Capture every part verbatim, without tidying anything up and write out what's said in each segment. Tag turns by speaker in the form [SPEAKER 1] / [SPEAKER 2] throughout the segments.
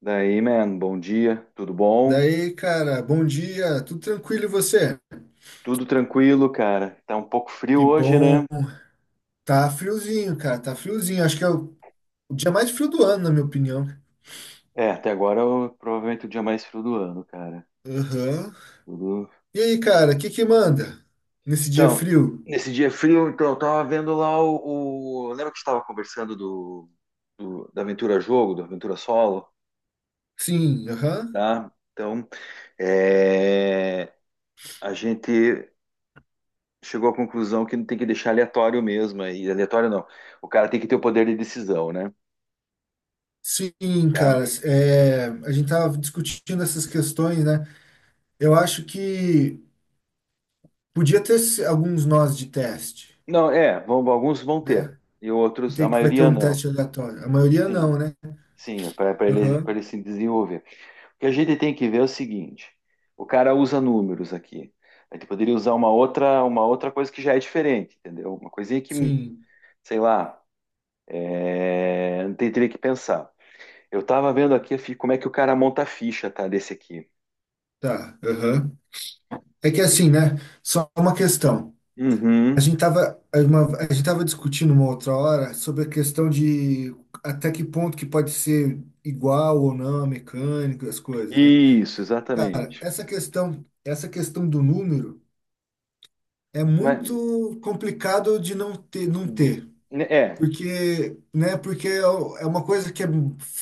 [SPEAKER 1] Daí, man, bom dia, tudo bom?
[SPEAKER 2] Daí, cara, bom dia, tudo tranquilo e você?
[SPEAKER 1] Tudo tranquilo, cara. Tá um pouco frio
[SPEAKER 2] Que
[SPEAKER 1] hoje, né?
[SPEAKER 2] bom. Tá friozinho, cara, tá friozinho. Acho que é o o dia mais frio do ano, na minha opinião.
[SPEAKER 1] É, até agora é o- provavelmente o dia mais frio do ano, cara.
[SPEAKER 2] Aham.
[SPEAKER 1] Tudo...
[SPEAKER 2] E aí, cara, o que que manda nesse dia
[SPEAKER 1] Então,
[SPEAKER 2] frio?
[SPEAKER 1] nesse dia frio, então, eu tava vendo lá o, o- lembra que a gente tava conversando do, do- da Aventura Jogo, do Aventura Solo,
[SPEAKER 2] Sim, aham.
[SPEAKER 1] tá? Então, é, a gente chegou à conclusão que não tem que deixar aleatório mesmo, e aleatório não. O cara tem que ter o poder de decisão, né?
[SPEAKER 2] Sim,
[SPEAKER 1] Tá?
[SPEAKER 2] cara, é, a gente tava discutindo essas questões, né? Eu acho que podia ter se- alguns nós de teste,
[SPEAKER 1] Não, é, vão- alguns vão ter,
[SPEAKER 2] né?
[SPEAKER 1] e
[SPEAKER 2] Que
[SPEAKER 1] outros, a
[SPEAKER 2] tem que vai ter
[SPEAKER 1] maioria
[SPEAKER 2] um
[SPEAKER 1] não.
[SPEAKER 2] teste aleatório. A maioria
[SPEAKER 1] Sim,
[SPEAKER 2] não, né?
[SPEAKER 1] sim, para ele, para
[SPEAKER 2] Aham.
[SPEAKER 1] ele se desenvolver. O que a gente tem que ver é o seguinte: o cara usa números aqui. A gente poderia usar uma outra, uma outra coisa que já é diferente, entendeu? Uma coisinha que,
[SPEAKER 2] Sim,
[SPEAKER 1] sei lá, é, não tem- teria que pensar. Eu estava vendo aqui fi- como é que o cara monta a ficha, tá, desse aqui.
[SPEAKER 2] tá. Aham. É que assim, né? Só uma questão. A
[SPEAKER 1] Uhum.
[SPEAKER 2] gente tava, uma- a gente tava discutindo uma outra hora sobre a questão de até que ponto que pode ser igual ou não a mecânica, as coisas, né?
[SPEAKER 1] Isso,
[SPEAKER 2] Cara,
[SPEAKER 1] exatamente.
[SPEAKER 2] essa questão, essa questão do número é
[SPEAKER 1] Vai-
[SPEAKER 2] muito complicado de não ter, não ter.
[SPEAKER 1] É,
[SPEAKER 2] Porque, né? Porque é o- é uma coisa que é,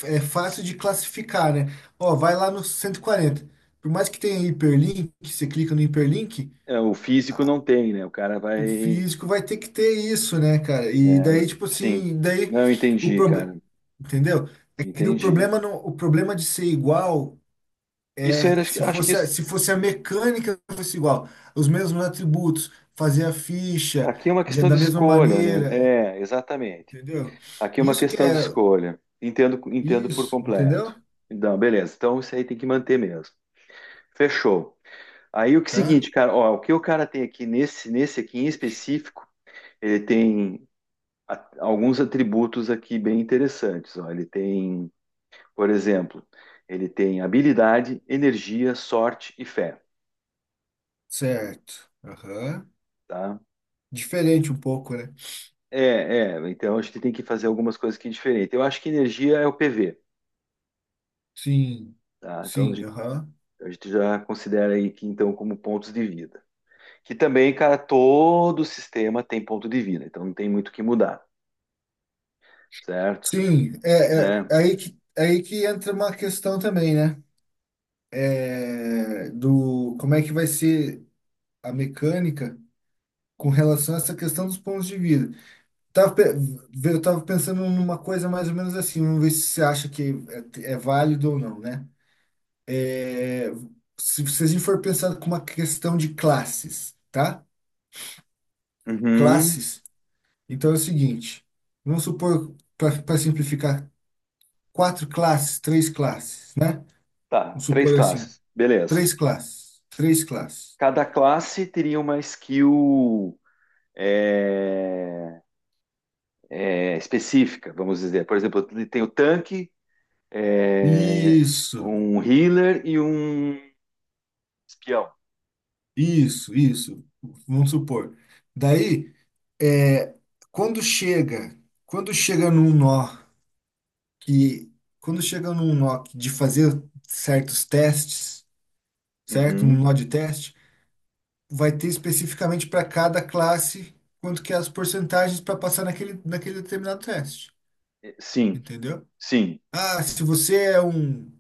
[SPEAKER 2] é fácil de classificar, né? Ó, vai lá no cento e quarenta. Por mais que tenha hiperlink, você clica no hiperlink.
[SPEAKER 1] é, o físico não tem, né? O cara
[SPEAKER 2] O
[SPEAKER 1] vai.
[SPEAKER 2] físico vai ter que ter isso, né, cara? E
[SPEAKER 1] É,
[SPEAKER 2] daí,
[SPEAKER 1] né?
[SPEAKER 2] tipo
[SPEAKER 1] Sim.
[SPEAKER 2] assim, daí
[SPEAKER 1] Não, eu
[SPEAKER 2] o
[SPEAKER 1] entendi,
[SPEAKER 2] problema,
[SPEAKER 1] cara.
[SPEAKER 2] entendeu? É que o
[SPEAKER 1] Entendi.
[SPEAKER 2] problema não, o problema de ser igual,
[SPEAKER 1] Isso aí,
[SPEAKER 2] é,
[SPEAKER 1] acho que
[SPEAKER 2] se
[SPEAKER 1] acho que
[SPEAKER 2] fosse a,
[SPEAKER 1] isso-
[SPEAKER 2] se fosse a mecânica fosse igual, os mesmos atributos, fazer a ficha
[SPEAKER 1] aqui é uma
[SPEAKER 2] de-
[SPEAKER 1] questão de
[SPEAKER 2] da mesma
[SPEAKER 1] escolha, né?
[SPEAKER 2] maneira,
[SPEAKER 1] É, exatamente.
[SPEAKER 2] entendeu?
[SPEAKER 1] Aqui é uma
[SPEAKER 2] Isso que
[SPEAKER 1] questão de
[SPEAKER 2] é
[SPEAKER 1] escolha. Entendo, entendo por
[SPEAKER 2] isso,
[SPEAKER 1] completo.
[SPEAKER 2] entendeu?
[SPEAKER 1] Então, beleza. Então, isso aí tem que manter mesmo. Fechou. Aí o que é o
[SPEAKER 2] Tá?
[SPEAKER 1] seguinte, cara, ó, o que o cara tem aqui nesse, nesse aqui em específico, ele tem a- alguns atributos aqui bem interessantes. Ó. Ele tem, por exemplo, ele tem habilidade, energia, sorte e fé.
[SPEAKER 2] Certo. Aham.
[SPEAKER 1] Tá?
[SPEAKER 2] Diferente um pouco, né?
[SPEAKER 1] É, é, então a gente tem que fazer algumas coisas que é diferente. Eu acho que energia é o P V,
[SPEAKER 2] Sim.
[SPEAKER 1] tá? Então a
[SPEAKER 2] Sim,
[SPEAKER 1] gente,
[SPEAKER 2] aham.
[SPEAKER 1] a gente já considera aí que então como pontos de vida. Que também, cara, todo sistema tem ponto de vida, então não tem muito o que mudar, certo?
[SPEAKER 2] Sim, é, é,
[SPEAKER 1] Né?
[SPEAKER 2] é aí que, é aí que entra uma questão também, né? É, do como é que vai ser a mecânica com relação a essa questão dos pontos de vida. Tava, pe- eu tava pensando numa coisa mais ou menos assim, vamos ver se você acha que é, é válido ou não, né? É, se, se a gente for pensar com uma questão de classes, tá?
[SPEAKER 1] Uhum.
[SPEAKER 2] Classes. Então é o seguinte, vamos supor, para simplificar, quatro classes, três classes, né?
[SPEAKER 1] Tá,
[SPEAKER 2] Vamos
[SPEAKER 1] três
[SPEAKER 2] supor assim.
[SPEAKER 1] classes, beleza.
[SPEAKER 2] Três classes. Três classes.
[SPEAKER 1] Cada classe teria uma skill é, é, específica, vamos dizer. Por exemplo, tem o tanque, é,
[SPEAKER 2] Isso,
[SPEAKER 1] um healer e um espião.
[SPEAKER 2] isso, isso. Vamos supor. Daí, é, quando chega, quando chega num nó que, quando chega num nó que de fazer certos testes, certo? Um
[SPEAKER 1] Uhum.
[SPEAKER 2] nó de teste, vai ter especificamente para cada classe quanto que é as porcentagens para passar naquele, naquele determinado teste.
[SPEAKER 1] Sim,
[SPEAKER 2] Entendeu?
[SPEAKER 1] sim,
[SPEAKER 2] Ah, se você é um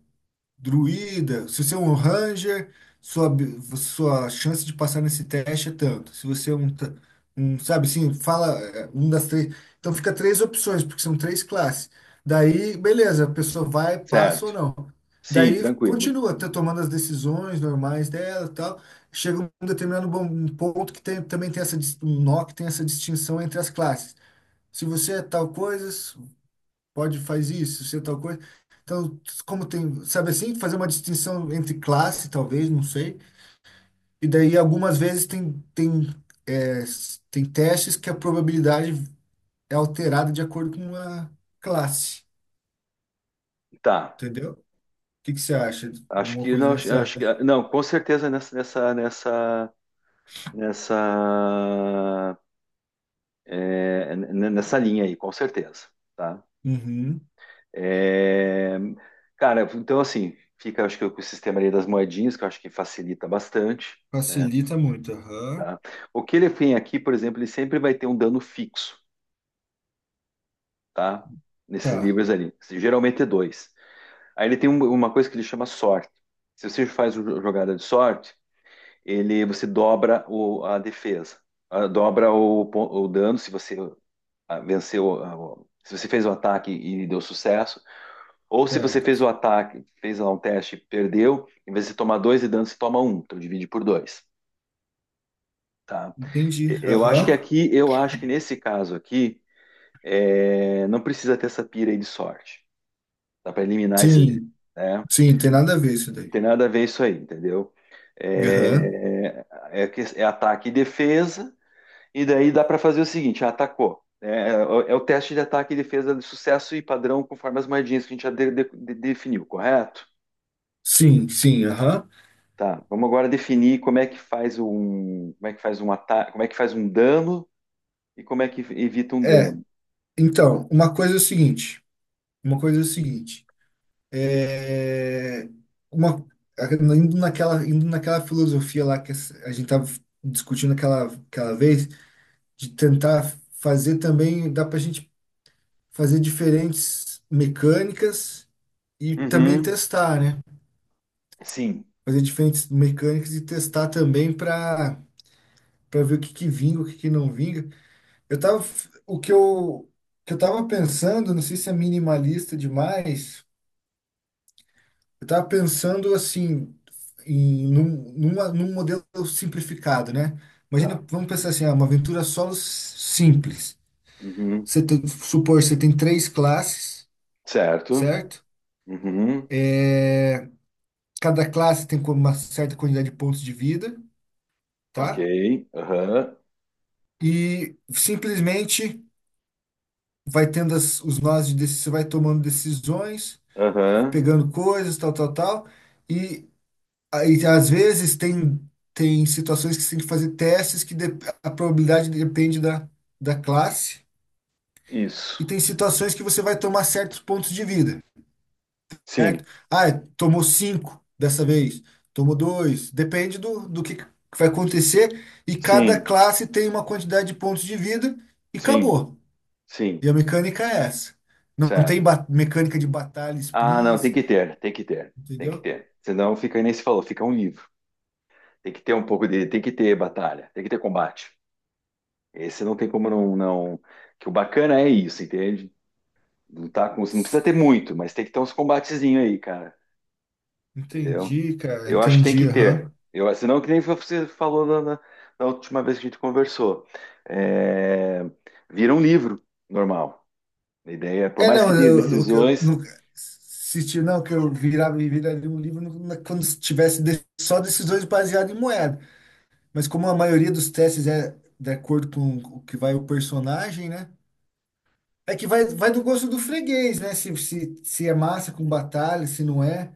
[SPEAKER 2] druida, se você é um ranger, sua, abi- sua chance de passar nesse teste é tanto. Se você é um, ta- um sabe assim, fala é, um das três. Então fica três opções, porque são três classes. Daí, beleza, a pessoa vai, passa ou
[SPEAKER 1] certo.
[SPEAKER 2] não.
[SPEAKER 1] Sim,
[SPEAKER 2] Daí
[SPEAKER 1] tranquilo.
[SPEAKER 2] continua tá tomando as decisões normais dela, e tal. Chega um determinado bom- um ponto que tem, também tem essa dis- um nó que tem essa distinção entre as classes. Se você é tal coisa, pode fazer isso, ser tal coisa. Então, como tem, sabe assim, fazer uma distinção entre classe, talvez, não sei. E daí, algumas vezes, tem, tem, é, s- tem testes que a probabilidade é alterada de acordo com a classe,
[SPEAKER 1] Tá.
[SPEAKER 2] entendeu? O que que você acha de
[SPEAKER 1] Acho
[SPEAKER 2] uma
[SPEAKER 1] que
[SPEAKER 2] coisa
[SPEAKER 1] não, acho
[SPEAKER 2] nessa
[SPEAKER 1] acho que
[SPEAKER 2] linha?
[SPEAKER 1] não, com certeza nessa nessa nessa nessa é, n- nessa linha aí, com certeza, tá?
[SPEAKER 2] Uhum.
[SPEAKER 1] É, cara, então assim, fica acho que com o sistema ali das moedinhas, que eu acho que facilita bastante, né,
[SPEAKER 2] Facilita muito, aham.
[SPEAKER 1] tá? O que ele tem aqui, por exemplo, ele sempre vai ter um dano fixo, tá? Nesses
[SPEAKER 2] Tá,
[SPEAKER 1] livros ali, geralmente é dois. Aí ele tem um- uma coisa que ele chama sorte. Se você faz uma jogada de sorte, ele você dobra o- a defesa. Ah, dobra o, pon- o dano se você ah, venceu, ah, o- se você fez o ataque e deu sucesso, ou se você fez
[SPEAKER 2] certo.
[SPEAKER 1] o ataque, fez lá um teste e perdeu, em vez de tomar dois de dano, você toma um, então divide por dois, tá? E-
[SPEAKER 2] Entendi.
[SPEAKER 1] Eu acho que
[SPEAKER 2] Aham.
[SPEAKER 1] aqui, eu acho que nesse caso aqui, é, não precisa ter essa pira aí de sorte, dá para eliminar esse, né?
[SPEAKER 2] Sim, sim, tem nada a ver isso
[SPEAKER 1] Não
[SPEAKER 2] daí.
[SPEAKER 1] tem nada a ver isso aí, entendeu?
[SPEAKER 2] Aham.
[SPEAKER 1] É, é, que- é ataque e defesa, e daí dá para fazer o seguinte: atacou, né? É, é o teste de ataque e defesa de sucesso e padrão conforme as moedinhas que a gente já de- de- de- definiu, correto?
[SPEAKER 2] Sim, sim, aham.
[SPEAKER 1] Tá, vamos agora definir como é que faz um, como é que faz um ataque, como é que faz um dano e como é que evita um
[SPEAKER 2] É,
[SPEAKER 1] dano.
[SPEAKER 2] então, uma coisa é o seguinte. Uma coisa é o seguinte, é, uma, indo naquela, indo naquela filosofia lá que a gente estava discutindo aquela, aquela vez, de tentar fazer também, dá para a gente fazer diferentes mecânicas e também
[SPEAKER 1] Uhum,
[SPEAKER 2] testar, né?
[SPEAKER 1] sim,
[SPEAKER 2] Fazer diferentes mecânicas e testar também para para ver o que que vinga, o que que não vinga. Eu tava, o que eu, que eu tava pensando, não sei se é minimalista demais. Eu estava pensando assim em num, numa- num modelo simplificado, né? Imagina,
[SPEAKER 1] tá.
[SPEAKER 2] vamos pensar assim, ah, uma aventura solo s- simples.
[SPEAKER 1] Uhum,
[SPEAKER 2] Você tem, supor, você tem três classes,
[SPEAKER 1] certo.
[SPEAKER 2] certo?
[SPEAKER 1] Uhum,
[SPEAKER 2] Cada classe tem com- uma certa quantidade de pontos de vida,
[SPEAKER 1] ok.
[SPEAKER 2] tá?
[SPEAKER 1] Aham,
[SPEAKER 2] E simplesmente vai tendo as- os nós de decisão, você vai tomando decisões,
[SPEAKER 1] aham,
[SPEAKER 2] pegando coisas, tal, tal, tal. Aí, às vezes, tem, tem situações que você tem que fazer testes que dep- a probabilidade depende da, da classe,
[SPEAKER 1] isso.
[SPEAKER 2] e tem situações que você vai tomar certos pontos de vida,
[SPEAKER 1] Sim,
[SPEAKER 2] certo? Ah, tomou cinco dessa vez, tomou dois, depende do, do que que vai acontecer, e cada
[SPEAKER 1] sim.
[SPEAKER 2] classe tem uma quantidade de pontos de vida, e
[SPEAKER 1] Sim,
[SPEAKER 2] acabou.
[SPEAKER 1] sim,
[SPEAKER 2] E a mecânica é essa. Não tem
[SPEAKER 1] certo.
[SPEAKER 2] ba- mecânica de batalha
[SPEAKER 1] Ah, não, tem
[SPEAKER 2] explícita,
[SPEAKER 1] que ter, tem que ter, tem que
[SPEAKER 2] entendeu?
[SPEAKER 1] ter. Senão fica, aí nem se falou, fica um livro. Tem que ter um pouco de, tem que ter batalha, tem que ter combate. Esse não tem como não, não. Que o bacana é isso, entende? Lutar com, não precisa ter muito, mas tem que ter uns combatezinhos aí, cara. Entendeu?
[SPEAKER 2] Entendi, cara,
[SPEAKER 1] Eu acho que tem
[SPEAKER 2] entendi,
[SPEAKER 1] que ter.
[SPEAKER 2] aham.
[SPEAKER 1] Eu, senão, que nem você falou na, na- na última vez que a gente conversou. É, vira um livro normal. A ideia, por
[SPEAKER 2] É,
[SPEAKER 1] mais
[SPEAKER 2] não,
[SPEAKER 1] que tenha
[SPEAKER 2] eu, eu, eu
[SPEAKER 1] decisões,
[SPEAKER 2] nunca. Se ti- Não, que eu virava e viraria um livro no- na- quando tivesse de- só decisões baseadas em moeda. Mas como a maioria dos testes é de acordo com o que vai o personagem, né? É que vai, vai do gosto do freguês, né? Se, se, se é massa com batalha, se não é.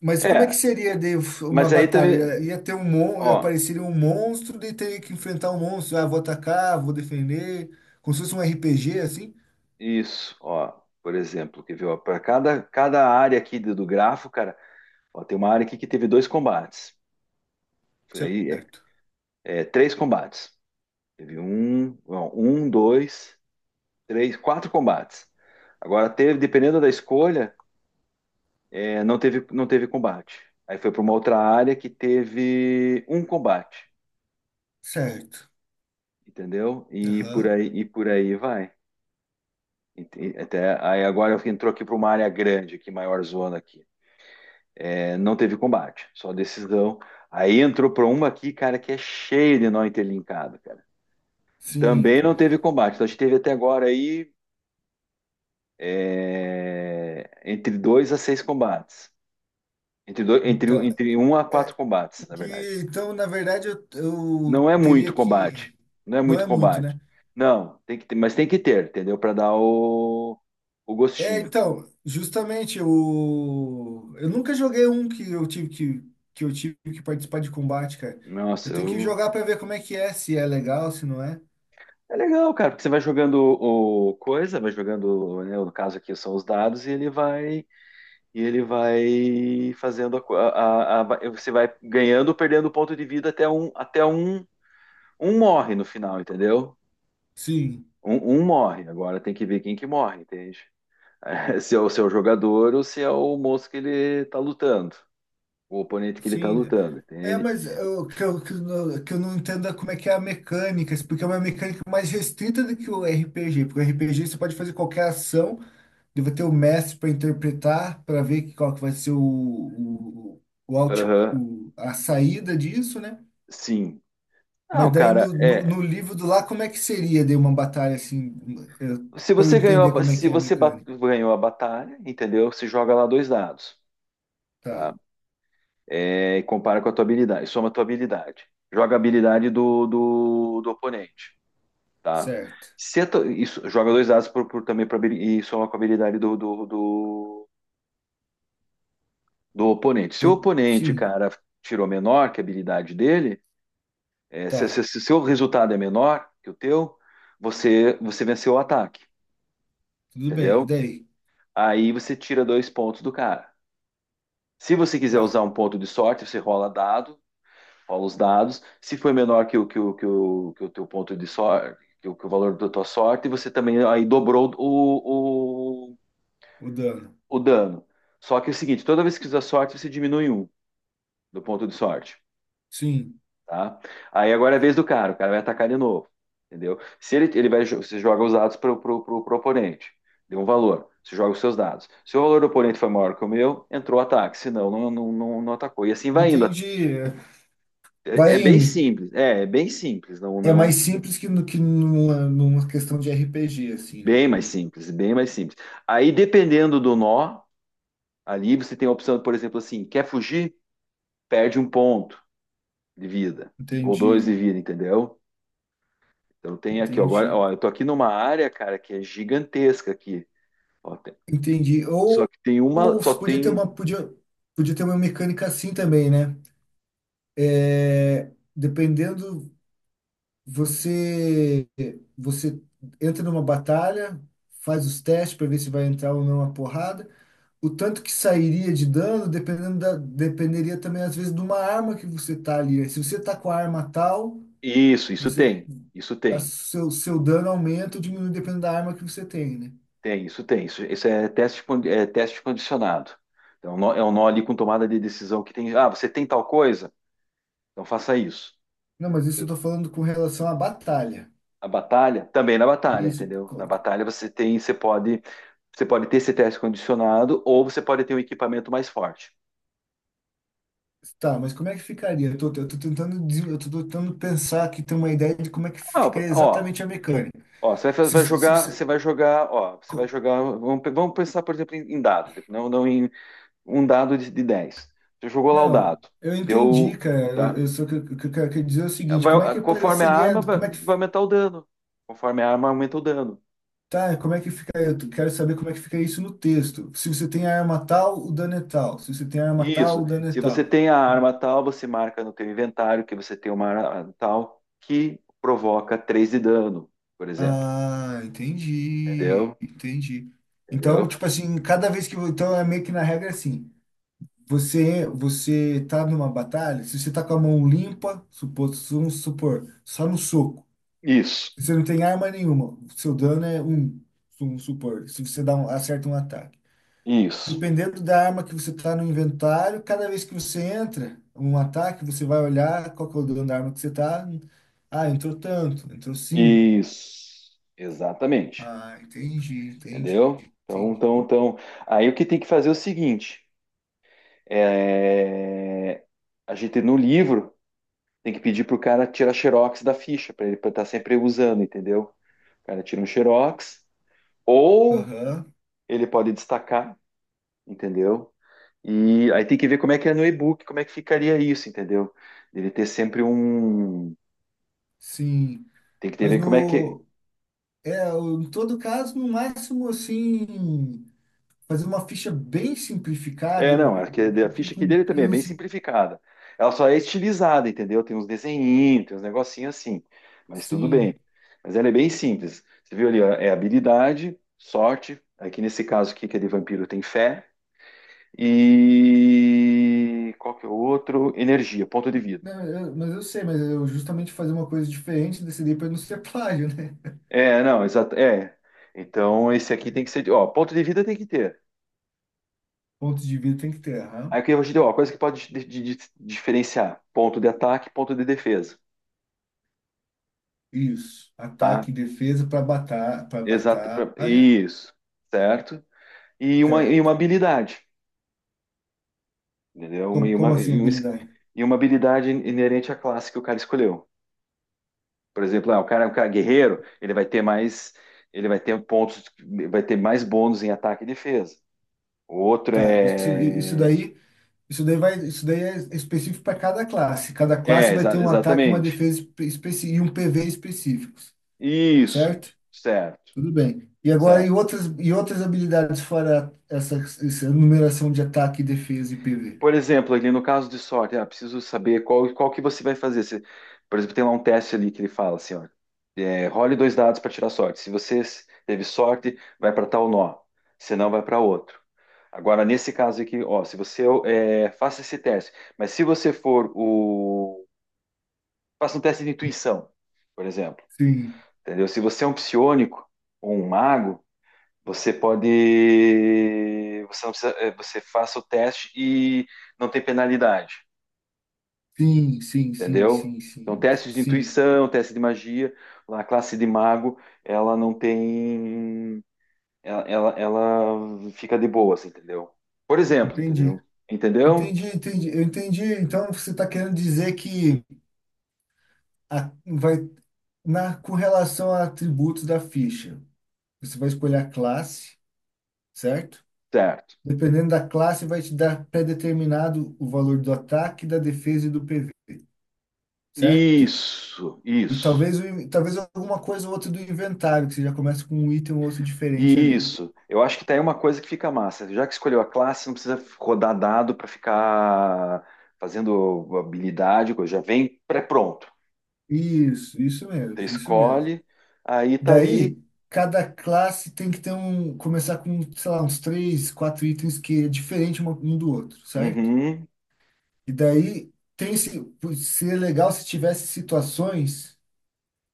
[SPEAKER 2] Mas como é que
[SPEAKER 1] é,
[SPEAKER 2] seria de uma
[SPEAKER 1] mas aí também
[SPEAKER 2] batalha? Ia ter um mon...
[SPEAKER 1] ó,
[SPEAKER 2] apareceria um monstro, daí teria que enfrentar um monstro. Ah, vou atacar, vou defender. Como se fosse um R P G, assim?
[SPEAKER 1] isso, ó. Por exemplo, que viu? Para cada, cada área aqui do, do grafo, cara, ó, tem uma área aqui que teve dois combates. Foi aí,
[SPEAKER 2] Certo.
[SPEAKER 1] é, é, três combates. Teve um, não, um, dois, três, quatro combates. Agora teve, dependendo da escolha, é, não teve, não teve combate. Aí foi para uma outra área que teve um combate,
[SPEAKER 2] Certo.
[SPEAKER 1] entendeu? E por
[SPEAKER 2] Aham.
[SPEAKER 1] aí, e por aí vai. Ent- Até, aí agora entrou aqui para uma área grande, aqui, maior zona aqui. É, não teve combate, só decisão. Aí entrou para uma aqui, cara, que é cheia de nó interlinkado, cara. Também
[SPEAKER 2] Sim,
[SPEAKER 1] não teve combate. Então a gente teve até agora aí é, entre dois a seis combates. Entre, dois, entre,
[SPEAKER 2] então,
[SPEAKER 1] entre um a quatro
[SPEAKER 2] é, o
[SPEAKER 1] combates, na verdade.
[SPEAKER 2] que, então, na verdade, eu, eu
[SPEAKER 1] Não é muito
[SPEAKER 2] teria
[SPEAKER 1] combate.
[SPEAKER 2] que,
[SPEAKER 1] Não é
[SPEAKER 2] não
[SPEAKER 1] muito
[SPEAKER 2] é muito,
[SPEAKER 1] combate.
[SPEAKER 2] né?
[SPEAKER 1] Não, tem que ter, mas tem que ter, entendeu? Para dar o, o
[SPEAKER 2] É,
[SPEAKER 1] gostinho.
[SPEAKER 2] então, justamente, eu, eu nunca joguei um que eu tive que, que eu tive que participar de combate, cara. Eu
[SPEAKER 1] Nossa,
[SPEAKER 2] tenho que
[SPEAKER 1] eu-
[SPEAKER 2] jogar para ver como é que é, se é legal, se não é.
[SPEAKER 1] é legal, cara, porque você vai jogando o coisa, vai jogando, né, no caso aqui são os dados, e ele vai, e ele vai fazendo a, co- a- a- a- você vai ganhando ou perdendo ponto de vida até um até um um morre no final, entendeu?
[SPEAKER 2] Sim,
[SPEAKER 1] Um, um morre. Agora tem que ver quem que morre, entende? Se é o seu jogador ou se é o moço que ele tá lutando, o oponente que ele tá
[SPEAKER 2] sim.
[SPEAKER 1] lutando,
[SPEAKER 2] É,
[SPEAKER 1] entende?
[SPEAKER 2] mas eu, que, eu, que, eu, não que eu não entendo é como é que é a mecânica, porque é uma mecânica mais restrita do que o R P G, porque o R P G você pode fazer qualquer ação. Eu vou ter o mestre para interpretar, para ver que- qual que vai ser o, o, o, out-
[SPEAKER 1] Aham,
[SPEAKER 2] o- a saída disso, né?
[SPEAKER 1] sim.
[SPEAKER 2] Mas
[SPEAKER 1] Não,
[SPEAKER 2] daí
[SPEAKER 1] cara,
[SPEAKER 2] no, no,
[SPEAKER 1] é.
[SPEAKER 2] no livro do lá, como é que seria de uma batalha assim,
[SPEAKER 1] Se
[SPEAKER 2] para eu
[SPEAKER 1] você ganhou a,
[SPEAKER 2] entender
[SPEAKER 1] ba-
[SPEAKER 2] como é
[SPEAKER 1] se
[SPEAKER 2] que é a
[SPEAKER 1] você ba-
[SPEAKER 2] mecânica?
[SPEAKER 1] ganhou a batalha, entendeu? Você joga lá dois dados,
[SPEAKER 2] Tá,
[SPEAKER 1] tá? É, e compara com a tua habilidade, soma a tua habilidade. Joga a habilidade do, do, do oponente, tá?
[SPEAKER 2] certo.
[SPEAKER 1] Se a tua- isso, joga dois dados por, por- também pra, habili- e soma com a habilidade do, do, do, do oponente. Se o
[SPEAKER 2] Tô-
[SPEAKER 1] oponente,
[SPEAKER 2] sim,
[SPEAKER 1] cara, tirou menor que a habilidade dele, é, se,
[SPEAKER 2] tá,
[SPEAKER 1] se, se o seu resultado é menor que o teu, você, você venceu o ataque,
[SPEAKER 2] tudo bem. E
[SPEAKER 1] entendeu?
[SPEAKER 2] daí?
[SPEAKER 1] Aí você tira dois pontos do cara. Se você quiser
[SPEAKER 2] Tá,
[SPEAKER 1] usar um ponto de sorte, você rola dado rola os dados. Se foi menor que o, que o, que o, que o teu ponto de sorte, que o, que o valor da tua sorte, você também aí dobrou o, o,
[SPEAKER 2] o dano.
[SPEAKER 1] o dano. Só que é o seguinte, toda vez que usar sorte, você diminui um do ponto de sorte,
[SPEAKER 2] Sim,
[SPEAKER 1] tá? Aí agora é a vez do cara, o cara vai atacar de novo, entendeu? Se ele, ele vai, você joga os dados para o pro, pro, pro oponente, deu um valor, você joga os seus dados. Se o valor do oponente foi maior que o meu, entrou o ataque, senão não, não, não, não atacou. E assim vai indo.
[SPEAKER 2] entendi.
[SPEAKER 1] É, é
[SPEAKER 2] Vai
[SPEAKER 1] bem
[SPEAKER 2] indo.
[SPEAKER 1] simples, é, é bem simples, não,
[SPEAKER 2] É
[SPEAKER 1] não.
[SPEAKER 2] mais simples que, no, que numa, numa questão de R P G, assim, né?
[SPEAKER 1] Bem mais simples, bem mais simples. Aí, dependendo do nó, ali você tem a opção, por exemplo, assim, quer fugir? Perde um ponto de vida, ou dois
[SPEAKER 2] Entendi,
[SPEAKER 1] de vida, entendeu? Então tem aqui, ó, agora,
[SPEAKER 2] entendi.
[SPEAKER 1] ó, eu tô aqui numa área, cara, que é gigantesca aqui. Ó, tem-
[SPEAKER 2] Entendi.
[SPEAKER 1] só
[SPEAKER 2] Ou,
[SPEAKER 1] que tem uma,
[SPEAKER 2] ou
[SPEAKER 1] só
[SPEAKER 2] podia ter
[SPEAKER 1] tem
[SPEAKER 2] uma, podia, podia ter uma mecânica assim também, né? É, dependendo, você, você entra numa batalha, faz os testes para ver se vai entrar ou não a porrada. O tanto que sairia de dano, dependendo da, dependeria também, às vezes, de uma arma que você tá ali. Se você tá com a arma tal,
[SPEAKER 1] isso, isso
[SPEAKER 2] você,
[SPEAKER 1] tem, isso
[SPEAKER 2] a
[SPEAKER 1] tem,
[SPEAKER 2] seu, seu dano aumenta ou diminui dependendo da arma que você tem, né?
[SPEAKER 1] tem, isso tem, isso, isso é teste, con- é teste condicionado. Então, é um nó é um nó ali com tomada de decisão que tem, ah, você tem tal coisa? Então faça isso.
[SPEAKER 2] Não, mas isso eu tô falando com relação à batalha.
[SPEAKER 1] A batalha, também na batalha,
[SPEAKER 2] Isso.
[SPEAKER 1] entendeu?
[SPEAKER 2] co-
[SPEAKER 1] Na
[SPEAKER 2] co-
[SPEAKER 1] batalha você tem, você pode, você pode ter esse teste condicionado ou você pode ter um equipamento mais forte.
[SPEAKER 2] Tá, mas como é que ficaria? Eu tô, eu tô tentando, des- eu tô tentando pensar aqui, ter uma ideia de como é que
[SPEAKER 1] Ah,
[SPEAKER 2] ficaria
[SPEAKER 1] ó,
[SPEAKER 2] exatamente a mecânica.
[SPEAKER 1] ó, você vai, fa-
[SPEAKER 2] Se,
[SPEAKER 1] vai
[SPEAKER 2] se se
[SPEAKER 1] jogar,
[SPEAKER 2] você.
[SPEAKER 1] você vai jogar, ó, você vai
[SPEAKER 2] Co-
[SPEAKER 1] jogar, vamos, pe- vamos pensar, por exemplo, em, em dado, não, não em um dado de, de dez. Você jogou lá o
[SPEAKER 2] Não,
[SPEAKER 1] dado,
[SPEAKER 2] eu entendi,
[SPEAKER 1] deu,
[SPEAKER 2] cara. Eu,
[SPEAKER 1] tá?
[SPEAKER 2] eu só que eu, que eu quero dizer é o seguinte, como é que
[SPEAKER 1] Vai- conforme a
[SPEAKER 2] apareceria,
[SPEAKER 1] arma, vai,
[SPEAKER 2] como é que.
[SPEAKER 1] vai aumentar o dano. Conforme a arma aumenta o dano.
[SPEAKER 2] Tá, como é que fica? Eu quero saber como é que fica isso no texto. Se você tem a arma tal, o dano é tal. Se você tem a arma tal,
[SPEAKER 1] Isso.
[SPEAKER 2] o dano é
[SPEAKER 1] Se você
[SPEAKER 2] tal.
[SPEAKER 1] tem a arma tal, você marca no teu inventário que você tem uma arma tal que provoca três de dano, por exemplo.
[SPEAKER 2] Ah, entendi,
[SPEAKER 1] Entendeu?
[SPEAKER 2] entendi. Então,
[SPEAKER 1] Entendeu?
[SPEAKER 2] tipo assim, cada vez que. Eu- Então é meio que na regra assim. Você você tá numa batalha, se você tá com a mão limpa, supo- vamos supor, só no soco,
[SPEAKER 1] Isso.
[SPEAKER 2] você não tem arma nenhuma, seu dano é um, vamos supor, se você dá um, acerta um ataque.
[SPEAKER 1] Isso.
[SPEAKER 2] Dependendo da arma que você tá no inventário, cada vez que você entra um ataque, você vai olhar qual que é o dano da arma que você tá. Ah, entrou tanto, entrou cinco.
[SPEAKER 1] Isso. Exatamente.
[SPEAKER 2] Ah, entendi, entendi,
[SPEAKER 1] Entendeu? Então,
[SPEAKER 2] entendi.
[SPEAKER 1] então, então. Aí o que tem que fazer é o seguinte: é, a gente no livro tem que pedir pro cara tirar xerox da ficha para ele estar sempre usando, entendeu? O cara tira um xerox ou
[SPEAKER 2] Aham,
[SPEAKER 1] ele pode destacar, entendeu? E aí tem que ver como é que é no e-book, como é que ficaria isso, entendeu? Deve ter sempre um.
[SPEAKER 2] sim.
[SPEAKER 1] Tem que ter
[SPEAKER 2] Mas
[SPEAKER 1] ver como é que.
[SPEAKER 2] no, É, o- em todo caso, no máximo, assim, fazer uma ficha bem
[SPEAKER 1] É,
[SPEAKER 2] simplificada,
[SPEAKER 1] não,
[SPEAKER 2] no
[SPEAKER 1] é que
[SPEAKER 2] no
[SPEAKER 1] a
[SPEAKER 2] sentido
[SPEAKER 1] ficha aqui
[SPEAKER 2] com
[SPEAKER 1] dele
[SPEAKER 2] que
[SPEAKER 1] também é
[SPEAKER 2] eu,
[SPEAKER 1] bem
[SPEAKER 2] assim,
[SPEAKER 1] simplificada. Ela só é estilizada, entendeu? Tem uns desenhinhos, tem uns negocinhos assim. Mas tudo bem.
[SPEAKER 2] sim.
[SPEAKER 1] Mas ela é bem simples. Você viu ali, ó, é habilidade, sorte. Aqui nesse caso aqui, que é de vampiro, tem fé. E qual que é o outro? Energia, ponto de vida.
[SPEAKER 2] Não, eu- mas eu sei, mas eu justamente fazer uma coisa diferente, decidi para não ser plágio, né?
[SPEAKER 1] É, não, exato. É. Então esse aqui tem que ser. Ó, ponto de vida tem que ter.
[SPEAKER 2] Pontos de vida tem que ter, aham.
[SPEAKER 1] Aí o que eu te deu, ó, coisa que pode di- di- di- diferenciar: ponto de ataque, ponto de defesa,
[SPEAKER 2] Isso,
[SPEAKER 1] tá?
[SPEAKER 2] ataque e defesa para batalha, para
[SPEAKER 1] Exato, pra-
[SPEAKER 2] batalha,
[SPEAKER 1] isso, certo? E uma, e uma
[SPEAKER 2] certo.
[SPEAKER 1] habilidade, entendeu? Uma-
[SPEAKER 2] Como,
[SPEAKER 1] e,
[SPEAKER 2] como
[SPEAKER 1] uma,
[SPEAKER 2] assim
[SPEAKER 1] e um es-
[SPEAKER 2] habilidade?
[SPEAKER 1] e uma habilidade inerente à classe que o cara escolheu. Por exemplo, ah, o cara, o cara guerreiro, ele vai ter mais, ele vai ter pontos, vai ter mais bônus em ataque e defesa. O outro
[SPEAKER 2] Tá, isso, isso
[SPEAKER 1] é,
[SPEAKER 2] daí, isso daí vai, isso daí é específico para cada classe. Cada classe
[SPEAKER 1] é
[SPEAKER 2] vai
[SPEAKER 1] exa-
[SPEAKER 2] ter um ataque e uma
[SPEAKER 1] exatamente,
[SPEAKER 2] defesa espe- especi- e um P V específico.
[SPEAKER 1] isso,
[SPEAKER 2] Certo?
[SPEAKER 1] certo,
[SPEAKER 2] Tudo bem. E agora, e
[SPEAKER 1] certo.
[SPEAKER 2] outras, e outras habilidades fora essa, essa numeração de ataque, defesa e P V?
[SPEAKER 1] Por exemplo, ali no caso de sorte, ah, preciso saber qual, qual que você vai fazer. Se, por exemplo, tem lá um teste ali que ele fala assim, ó, é, role dois dados para tirar sorte. Se você s- teve sorte, vai para tal nó. Se não, vai para outro. Agora, nesse caso aqui, ó, se você é, faça esse teste, mas se você for o... Faça um teste de intuição, por exemplo,
[SPEAKER 2] Sim,
[SPEAKER 1] entendeu? Se você é um psiônico ou um mago, você pode... Você, não precisa, é, você faça o teste e não tem penalidade.
[SPEAKER 2] sim, sim, sim,
[SPEAKER 1] Entendeu?
[SPEAKER 2] sim,
[SPEAKER 1] Então,
[SPEAKER 2] sim,
[SPEAKER 1] testes de
[SPEAKER 2] sim.
[SPEAKER 1] intuição, teste de magia, a classe de mago, ela não tem. Ela, ela, ela fica de boas, entendeu? Por exemplo,
[SPEAKER 2] Entendi.
[SPEAKER 1] entendeu? Entendeu?
[SPEAKER 2] Entendi, entendi. Eu entendi. Então, você está querendo dizer que a- vai, na, com relação a atributos da ficha, você vai escolher a classe, certo?
[SPEAKER 1] Certo.
[SPEAKER 2] Dependendo da classe, vai te dar pré-determinado o valor do ataque, da defesa e do P V, certo?
[SPEAKER 1] Isso,
[SPEAKER 2] E
[SPEAKER 1] isso,
[SPEAKER 2] talvez, o in- talvez alguma coisa ou outra do inventário, que você já começa com um item ou outro diferente ali.
[SPEAKER 1] isso. Eu acho que tá aí uma coisa que fica massa. Já que escolheu a classe, não precisa rodar dado para ficar fazendo habilidade, coisa. Já vem pré-pronto.
[SPEAKER 2] Isso, isso
[SPEAKER 1] Você
[SPEAKER 2] mesmo, isso mesmo.
[SPEAKER 1] escolhe, aí tá ali.
[SPEAKER 2] Daí, cada classe tem que ter um, começar com, sei lá, uns três, quatro itens que é diferente uma- um do outro, certo?
[SPEAKER 1] Uhum.
[SPEAKER 2] E daí, tem se, seria legal se tivesse situações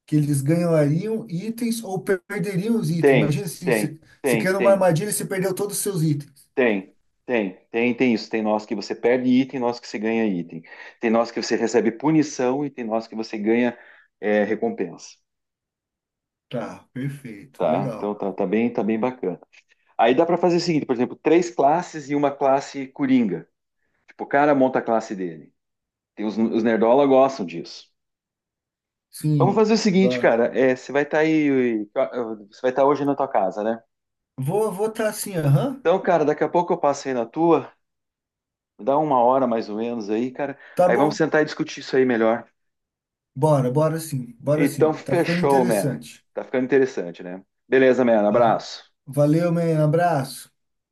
[SPEAKER 2] que eles ganhariam itens ou per- perderiam os itens.
[SPEAKER 1] Tem,
[SPEAKER 2] Imagina assim,
[SPEAKER 1] tem,
[SPEAKER 2] você, se
[SPEAKER 1] tem,
[SPEAKER 2] quer uma
[SPEAKER 1] tem,
[SPEAKER 2] armadilha e você perdeu todos os seus itens.
[SPEAKER 1] Tem, tem, tem, tem isso. Tem nós que você perde item, nós que você ganha item. Tem nós que você recebe punição e tem nós que você ganha é, recompensa,
[SPEAKER 2] Tá, perfeito,
[SPEAKER 1] tá? Então
[SPEAKER 2] legal.
[SPEAKER 1] tá, tá bem, tá bem bacana. Aí dá para fazer o seguinte, por exemplo, três classes e uma classe coringa. Tipo, o cara monta a classe dele. Tem os, os nerdola gostam disso. Vamos
[SPEAKER 2] Sim,
[SPEAKER 1] fazer o seguinte,
[SPEAKER 2] vai.
[SPEAKER 1] cara. é, você vai estar aí, você vai estar hoje na tua casa, né?
[SPEAKER 2] Vou vou tá assim, aham.
[SPEAKER 1] Então, cara, daqui a pouco eu passo aí na tua, dá uma hora mais ou menos aí, cara.
[SPEAKER 2] Tá
[SPEAKER 1] Aí vamos
[SPEAKER 2] bom.
[SPEAKER 1] sentar e discutir isso aí melhor.
[SPEAKER 2] Bora, bora sim, bora
[SPEAKER 1] Então,
[SPEAKER 2] sim. Tá ficando
[SPEAKER 1] fechou, man.
[SPEAKER 2] interessante.
[SPEAKER 1] Tá ficando interessante, né? Beleza, man.
[SPEAKER 2] Aham.
[SPEAKER 1] Abraço.
[SPEAKER 2] Valeu, man. Abraço.